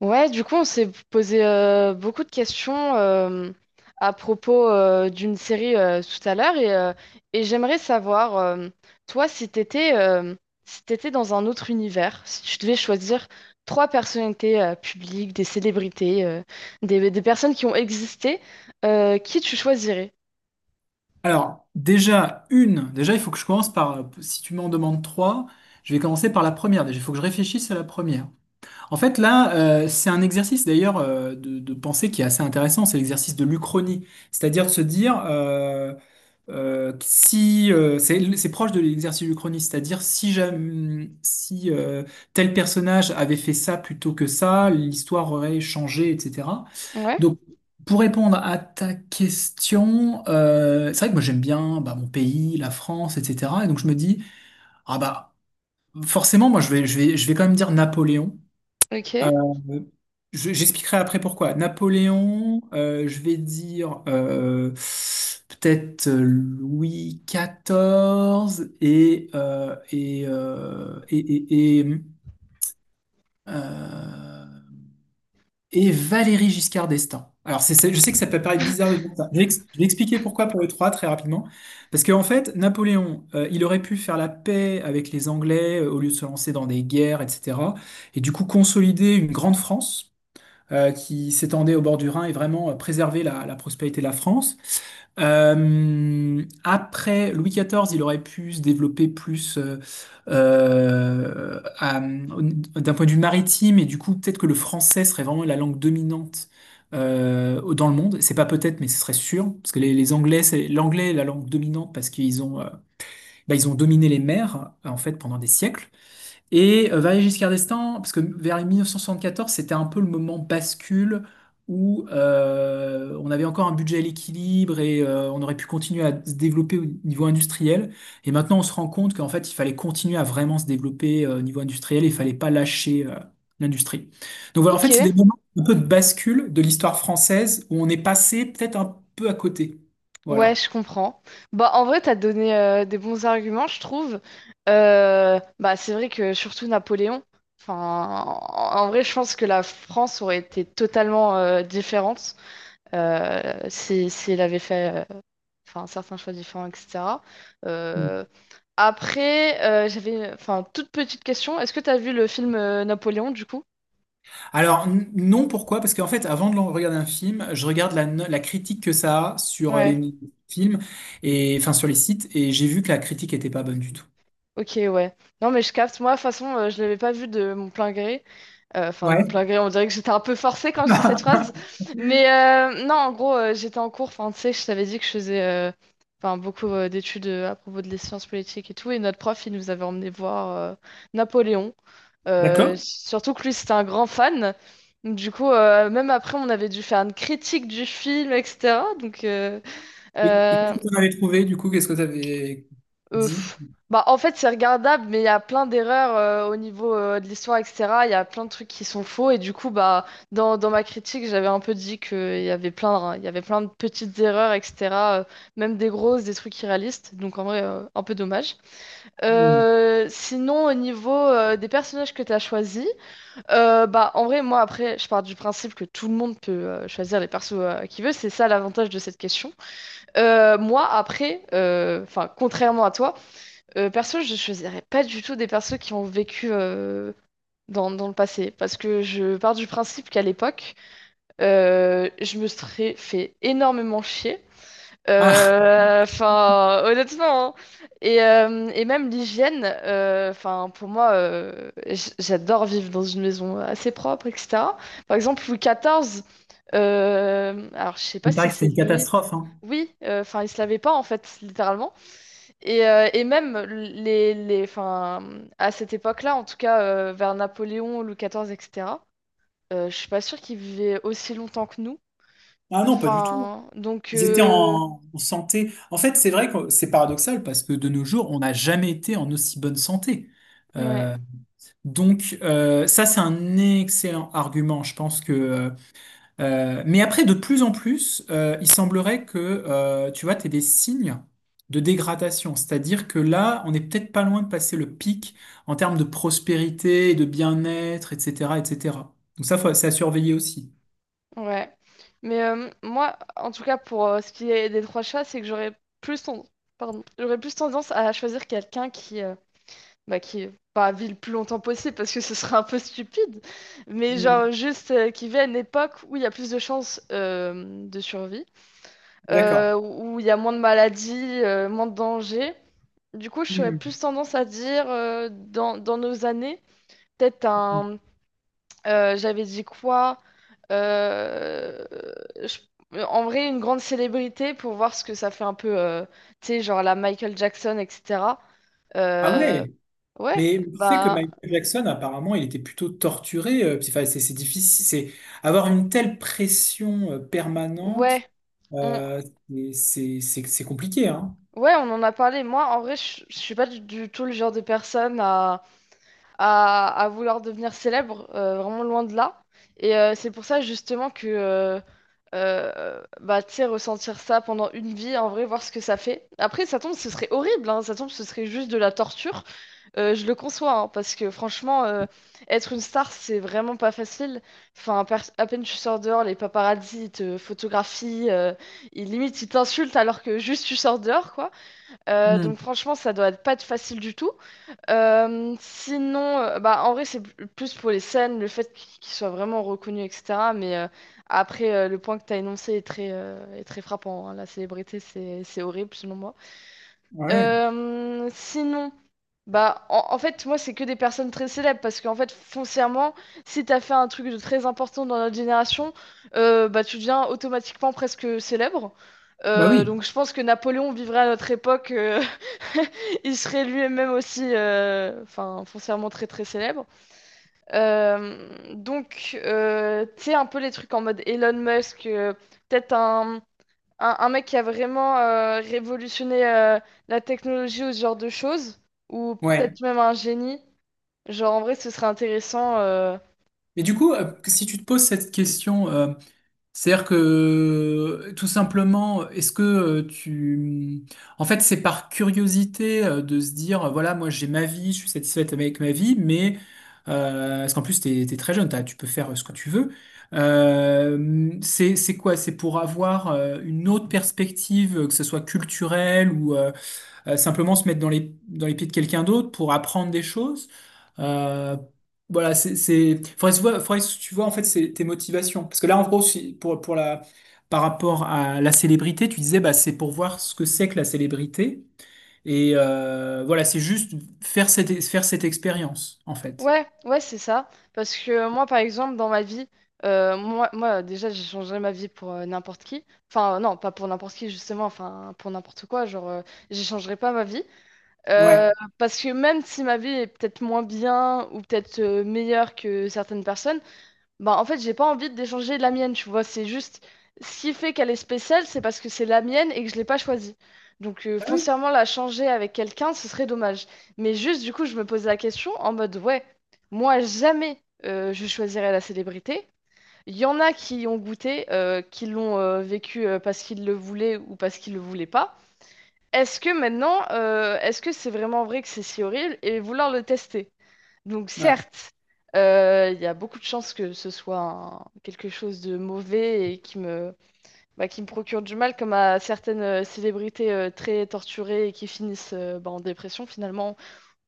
Ouais, du coup, on s'est posé beaucoup de questions à propos d'une série tout à l'heure et j'aimerais savoir, toi, si t'étais si t'étais dans un autre univers, si tu devais choisir trois personnalités publiques, des célébrités, des personnes qui ont existé, qui tu choisirais? Alors, déjà, il faut que je commence par, si tu m'en demandes trois, je vais commencer par la première. Déjà, il faut que je réfléchisse à la première. En fait, là, c'est un exercice d'ailleurs de pensée qui est assez intéressant, c'est l'exercice de l'Uchronie. C'est-à-dire de se dire, si, c'est proche de l'exercice de l'Uchronie, c'est-à-dire si, jamais, si tel personnage avait fait ça plutôt que ça, l'histoire aurait changé, etc. Ouais, Donc, pour répondre à ta question, c'est vrai que moi j'aime bien bah, mon pays, la France, etc. Et donc je me dis, ah bah forcément, moi je vais quand même dire Napoléon. Euh, ok, J'expliquerai après pourquoi. Napoléon, je vais dire peut-être Louis XIV et, euh, et Valéry Giscard d'Estaing. Alors, je sais que ça peut paraître bizarre de dire ça. Je vais expliquer pourquoi pour les trois très rapidement. Parce qu'en fait, Napoléon, il aurait pu faire la paix avec les Anglais au lieu de se lancer dans des guerres, etc. Et du coup, consolider une grande France qui s'étendait au bord du Rhin et vraiment préserver la prospérité de la France. Après Louis XIV, il aurait pu se développer plus d'un point de vue maritime et du coup peut-être que le français serait vraiment la langue dominante dans le monde. C'est pas peut-être, mais ce serait sûr parce que les Anglais, c'est l'anglais est la langue dominante parce qu'ils ont bah, ils ont dominé les mers en fait pendant des siècles. Et Valéry Giscard d'Estaing, parce que vers les 1974, c'était un peu le moment bascule où on avait encore un budget à l'équilibre et on aurait pu continuer à se développer au niveau industriel. Et maintenant, on se rend compte qu'en fait, il fallait continuer à vraiment se développer au niveau industriel et il fallait pas lâcher l'industrie. Donc voilà, en ok. fait, c'est des moments un peu de bascule de l'histoire française où on est passé peut-être un peu à côté. Ouais, Voilà. je comprends. Bah, en vrai, t'as donné des bons arguments, je trouve. Bah, c'est vrai que surtout Napoléon. Enfin, en vrai, je pense que la France aurait été totalement différente si elle avait fait enfin, certains choix différents, etc. Euh, Après, j'avais enfin toute petite question. Est-ce que t'as vu le film Napoléon, du coup? Alors non, pourquoi? Parce qu'en fait, avant de regarder un film, je regarde la, no- la critique que ça a sur Ouais. les films et enfin sur les sites, et j'ai vu que la critique était pas bonne du tout. Ok, ouais. Non, mais je capte. Moi, de toute façon, je l'avais pas vu de mon plein gré. Enfin, de Ouais, mon plein gré, on dirait que j'étais un peu forcée quand je dis cette phrase. Mais non, en gros, j'étais en cours. Enfin, tu sais, je t'avais dit que je faisais enfin, beaucoup d'études à propos de les sciences politiques et tout. Et notre prof, il nous avait emmené voir Napoléon. D'accord. Surtout que lui, c'était un grand fan. Donc, du coup, même après, on avait dû faire une critique du film, etc. Donc, Et qu'est-ce euh, que tu avais trouvé du coup? Qu'est-ce que tu avais dit? pff. Bah, en fait, c'est regardable, mais il y a plein d'erreurs au niveau de l'histoire, etc. Il y a plein de trucs qui sont faux. Et du coup, bah, dans ma critique, j'avais un peu dit qu'il y avait plein, de petites erreurs, etc. euh, Même des grosses, des trucs irréalistes. Donc, en vrai, un peu dommage. Hmm. Sinon, au niveau des personnages que tu as choisis, bah, en vrai, moi, après, je pars du principe que tout le monde peut choisir les persos qu'il veut. C'est ça l'avantage de cette question. Moi, après, enfin, contrairement à toi, perso, je choisirais pas du tout des persos qui ont vécu dans le passé, parce que je pars du principe qu'à l'époque, je me serais fait énormément chier. Ah, Enfin, honnêtement, hein. Et même l'hygiène, enfin, pour moi, j'adore vivre dans une maison assez propre, etc. Par exemple, Louis XIV, alors je sais pas il paraît si que c'était c'est une lui. catastrophe, hein. Oui, enfin, il se lavait pas en fait, littéralement. Et même les, enfin, à cette époque-là, en tout cas vers Napoléon, Louis XIV, etc., je suis pas sûre qu'ils vivaient aussi longtemps que nous. Ah non, pas du tout. Enfin, donc, Ils étaient en, en santé. En fait, c'est vrai que c'est paradoxal parce que de nos jours, on n'a jamais été en aussi bonne santé. ouais, Euh, donc ça, c'est un excellent argument. Je pense que euh, mais après, de plus en plus, il semblerait que, tu vois, tu des signes de dégradation. C'est-à-dire que là, on est peut-être pas loin de passer le pic en termes de prospérité, de bien-être, etc., etc. Donc ça, c'est à surveiller aussi. ouais. Mais moi, en tout cas, pour ce qui est des trois chats, c'est que j'aurais plus, ten- pardon, j'aurais plus tendance à choisir quelqu'un qui, bah, qui pas vit le plus longtemps possible parce que ce serait un peu stupide, mais Hmm. genre juste qui vit à une époque où il y a plus de chances de survie. D'accord. Où il y a moins de maladies, moins de dangers. Du coup, je serais Hmm. plus tendance à dire dans nos années, peut-être un. J'avais dit quoi? Euh, je- En vrai, une grande célébrité pour voir ce que ça fait un peu, tu sais, genre la Michael Jackson, etc. Ah Euh, ouais, ouais, mais tu sais que bah, Michael Jackson, apparemment, il était plutôt torturé. Euh, puis, enfin, c'est difficile, c'est avoir une telle pression permanente, ouais, on, euh, c'est compliqué, hein. ouais, on en a parlé. Moi, en vrai, je suis pas du tout le genre de personne à vouloir devenir célèbre, vraiment loin de là. Et c'est pour ça justement que, bah, tu sais, ressentir ça pendant une vie, en vrai, voir ce que ça fait. Après, ça tombe, ce serait horrible, hein, ça tombe, ce serait juste de la torture. Je le conçois, hein, parce que franchement, être une star, c'est vraiment pas facile. Enfin, à peine tu sors dehors, les paparazzis ils te photographient, ils, limite, ils t'insultent alors que juste tu sors dehors, quoi. Hmm. Donc franchement, ça doit être pas être facile du tout. Sinon, bah, en vrai, c'est plus pour les scènes, le fait qu'ils soient vraiment reconnus, etc. Mais après, le point que tu as énoncé est très frappant, hein. La célébrité, c'est horrible, selon moi. Ouais. Sinon, bah en fait, moi, c'est que des personnes très célèbres parce qu'en fait, foncièrement, si t'as fait un truc de très important dans notre génération, bah tu deviens automatiquement presque célèbre. Bah oui, Donc, je pense que Napoléon vivrait à notre époque, il serait lui-même aussi, enfin, foncièrement très très célèbre. Euh, donc, tu sais, un peu les trucs en mode Elon Musk, peut-être un mec qui a vraiment révolutionné la technologie ou ce genre de choses, ou ouais. peut-être même un génie. Genre, en vrai, ce serait intéressant. Mais du coup, si tu te poses cette question, c'est-à-dire que tout simplement, est-ce que tu... En fait, c'est par curiosité de se dire, voilà, moi j'ai ma vie, je suis satisfaite avec ma vie, mais... parce qu'en plus, t'es très jeune, tu peux faire ce que tu veux. C'est quoi? C'est pour avoir une autre perspective, que ce soit culturelle ou... simplement se mettre dans les pieds de quelqu'un d'autre pour apprendre des choses. Euh, voilà, faudrait se voir, faudrait que tu vois, en fait, c'est tes motivations. Parce que là, en gros, pour par rapport à la célébrité, tu disais, bah, c'est pour voir ce que c'est que la célébrité. Et voilà, c'est juste faire cette expérience, en fait. Ouais, ouais, c'est ça. Parce que moi, par exemple, dans ma vie, déjà, j'ai changé ma vie pour n'importe qui. Enfin, non, pas pour n'importe qui, justement, enfin, pour n'importe quoi. Genre, j'échangerai pas ma vie. Euh, Ouais. Parce que même si ma vie est peut-être moins bien ou peut-être meilleure que certaines personnes, bah, en fait, j'ai pas envie de d'échanger la mienne, tu vois. C'est juste ce qui fait qu'elle est spéciale, c'est parce que c'est la mienne et que je l'ai pas choisie. Donc, Ah oui. foncièrement, la changer avec quelqu'un, ce serait dommage. Mais juste, du coup, je me posais la question en mode, ouais, moi, jamais je choisirais la célébrité. Il y en a qui y ont goûté, qui l'ont vécu parce qu'ils le voulaient ou parce qu'ils le voulaient pas. Est-ce que maintenant, est-ce que c'est vraiment vrai que c'est si horrible et vouloir le tester? Donc Ouais. certes, il y a beaucoup de chances que ce soit quelque chose de mauvais et qui me, bah, qui me procure du mal, comme à certaines célébrités très torturées et qui finissent bah, en dépression finalement,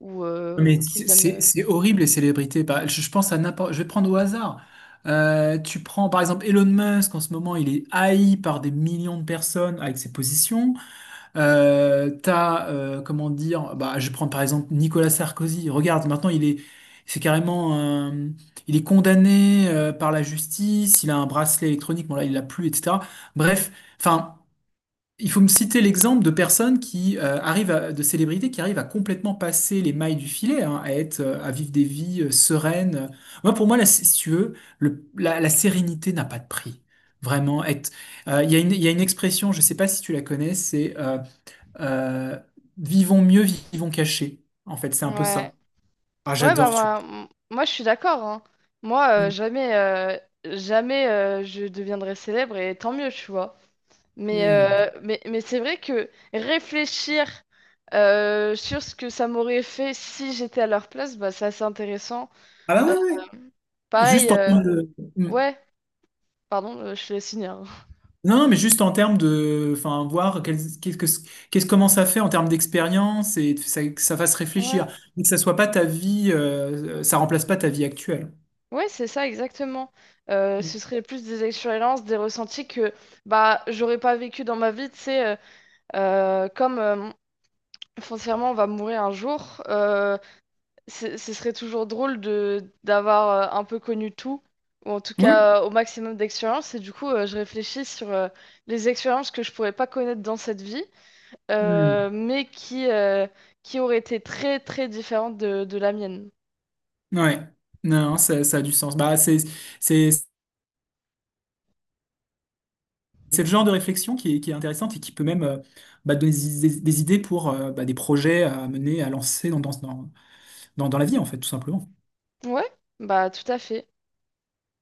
ou, euh, Mais ou qui se donnent... euh, c'est horrible les célébrités. Par- je pense à n'importe. Je vais prendre au hasard. Tu prends par exemple Elon Musk. En ce moment, il est haï par des millions de personnes avec ses positions. T'as comment dire? Bah, je prends par exemple Nicolas Sarkozy. Regarde, c'est carrément, il est condamné par la justice. Il a un bracelet électronique. Bon là, il l'a plus, etc. Bref, enfin. Il faut me citer l'exemple de personnes qui de célébrités qui arrivent à complètement passer les mailles du filet, hein, à être, à vivre des vies sereines. Moi, pour moi, là, si tu veux, la sérénité n'a pas de prix. Vraiment, être. Euh, il y a une, il y a une expression, je ne sais pas si tu la connais, c'est euh, vivons mieux, vivons cachés. En fait, c'est un peu Ouais, ça. Ah, ouais bah, j'adore, tu moi, moi je suis d'accord, hein. Moi, vois. euh, Mm. jamais, euh, jamais je deviendrai célèbre et tant mieux, tu vois. Mais, Mm. euh, mais, mais c'est vrai que réfléchir sur ce que ça m'aurait fait si j'étais à leur place, bah, c'est assez intéressant. Ah bah Euh, ouais, ouais. Pareil, Juste en termes de. Mm. ouais, pardon, je te laisse finir. Non, mais juste en termes de, enfin, voir qu'est-ce comment ça fait en termes d'expérience et que ça fasse Ouais, réfléchir, mais que ça soit pas ta vie, ça remplace pas ta vie actuelle. ouais, c'est ça exactement. Ce serait plus des expériences, des ressentis que bah j'aurais pas vécu dans ma vie, tu sais, comme foncièrement on va mourir un jour. Ce serait toujours drôle de d'avoir un peu connu tout, ou en tout Oui. cas au maximum d'expériences. Et du coup, je réfléchis sur les expériences que je pourrais pas connaître dans cette vie, Hmm. mais qui auraient été très très différentes de la mienne. Ouais. Non, ça a du sens. Bah, c'est le genre de réflexion qui est intéressante et qui peut même bah, donner des, des idées pour bah, des projets à mener, à lancer dans, dans, dans, dans la vie, en fait, tout simplement. Ouais, bah tout à fait.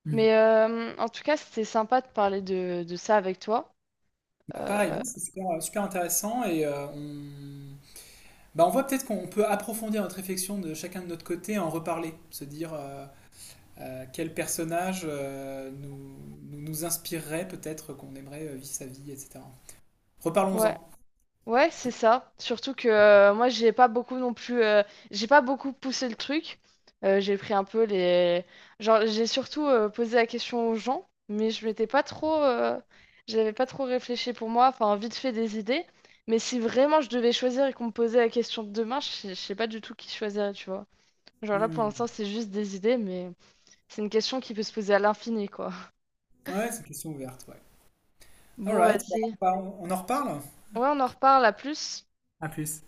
Hmm. Mais en tout cas, c'était sympa de parler de ça avec toi. Bah, Euh, pareil, bon, c'est super, super intéressant et on bah, on voit peut-être qu'on peut approfondir notre réflexion de chacun de notre côté, en reparler, se dire quel personnage nous inspirerait peut-être qu'on aimerait vivre sa vie, etc. ouais. Reparlons-en. Ouais, c'est ça. Surtout que moi, j'ai pas beaucoup non plus. J'ai pas beaucoup poussé le truc. J'ai pris un peu les. Genre, j'ai surtout posé la question aux gens, mais je m'étais pas trop. J'avais pas trop réfléchi pour moi. Enfin, vite fait des idées. Mais si vraiment je devais choisir et qu'on me posait la question de demain, je sais pas du tout qui choisirait, tu vois. Genre là, pour Hmm. l'instant, c'est juste des idées, mais c'est une question qui peut se poser à l'infini, quoi. Ouais, c'est une question ouverte, ouais. Bon, Alright, vas-y. On en reparle? Ouais, on en reparle à plus. À plus.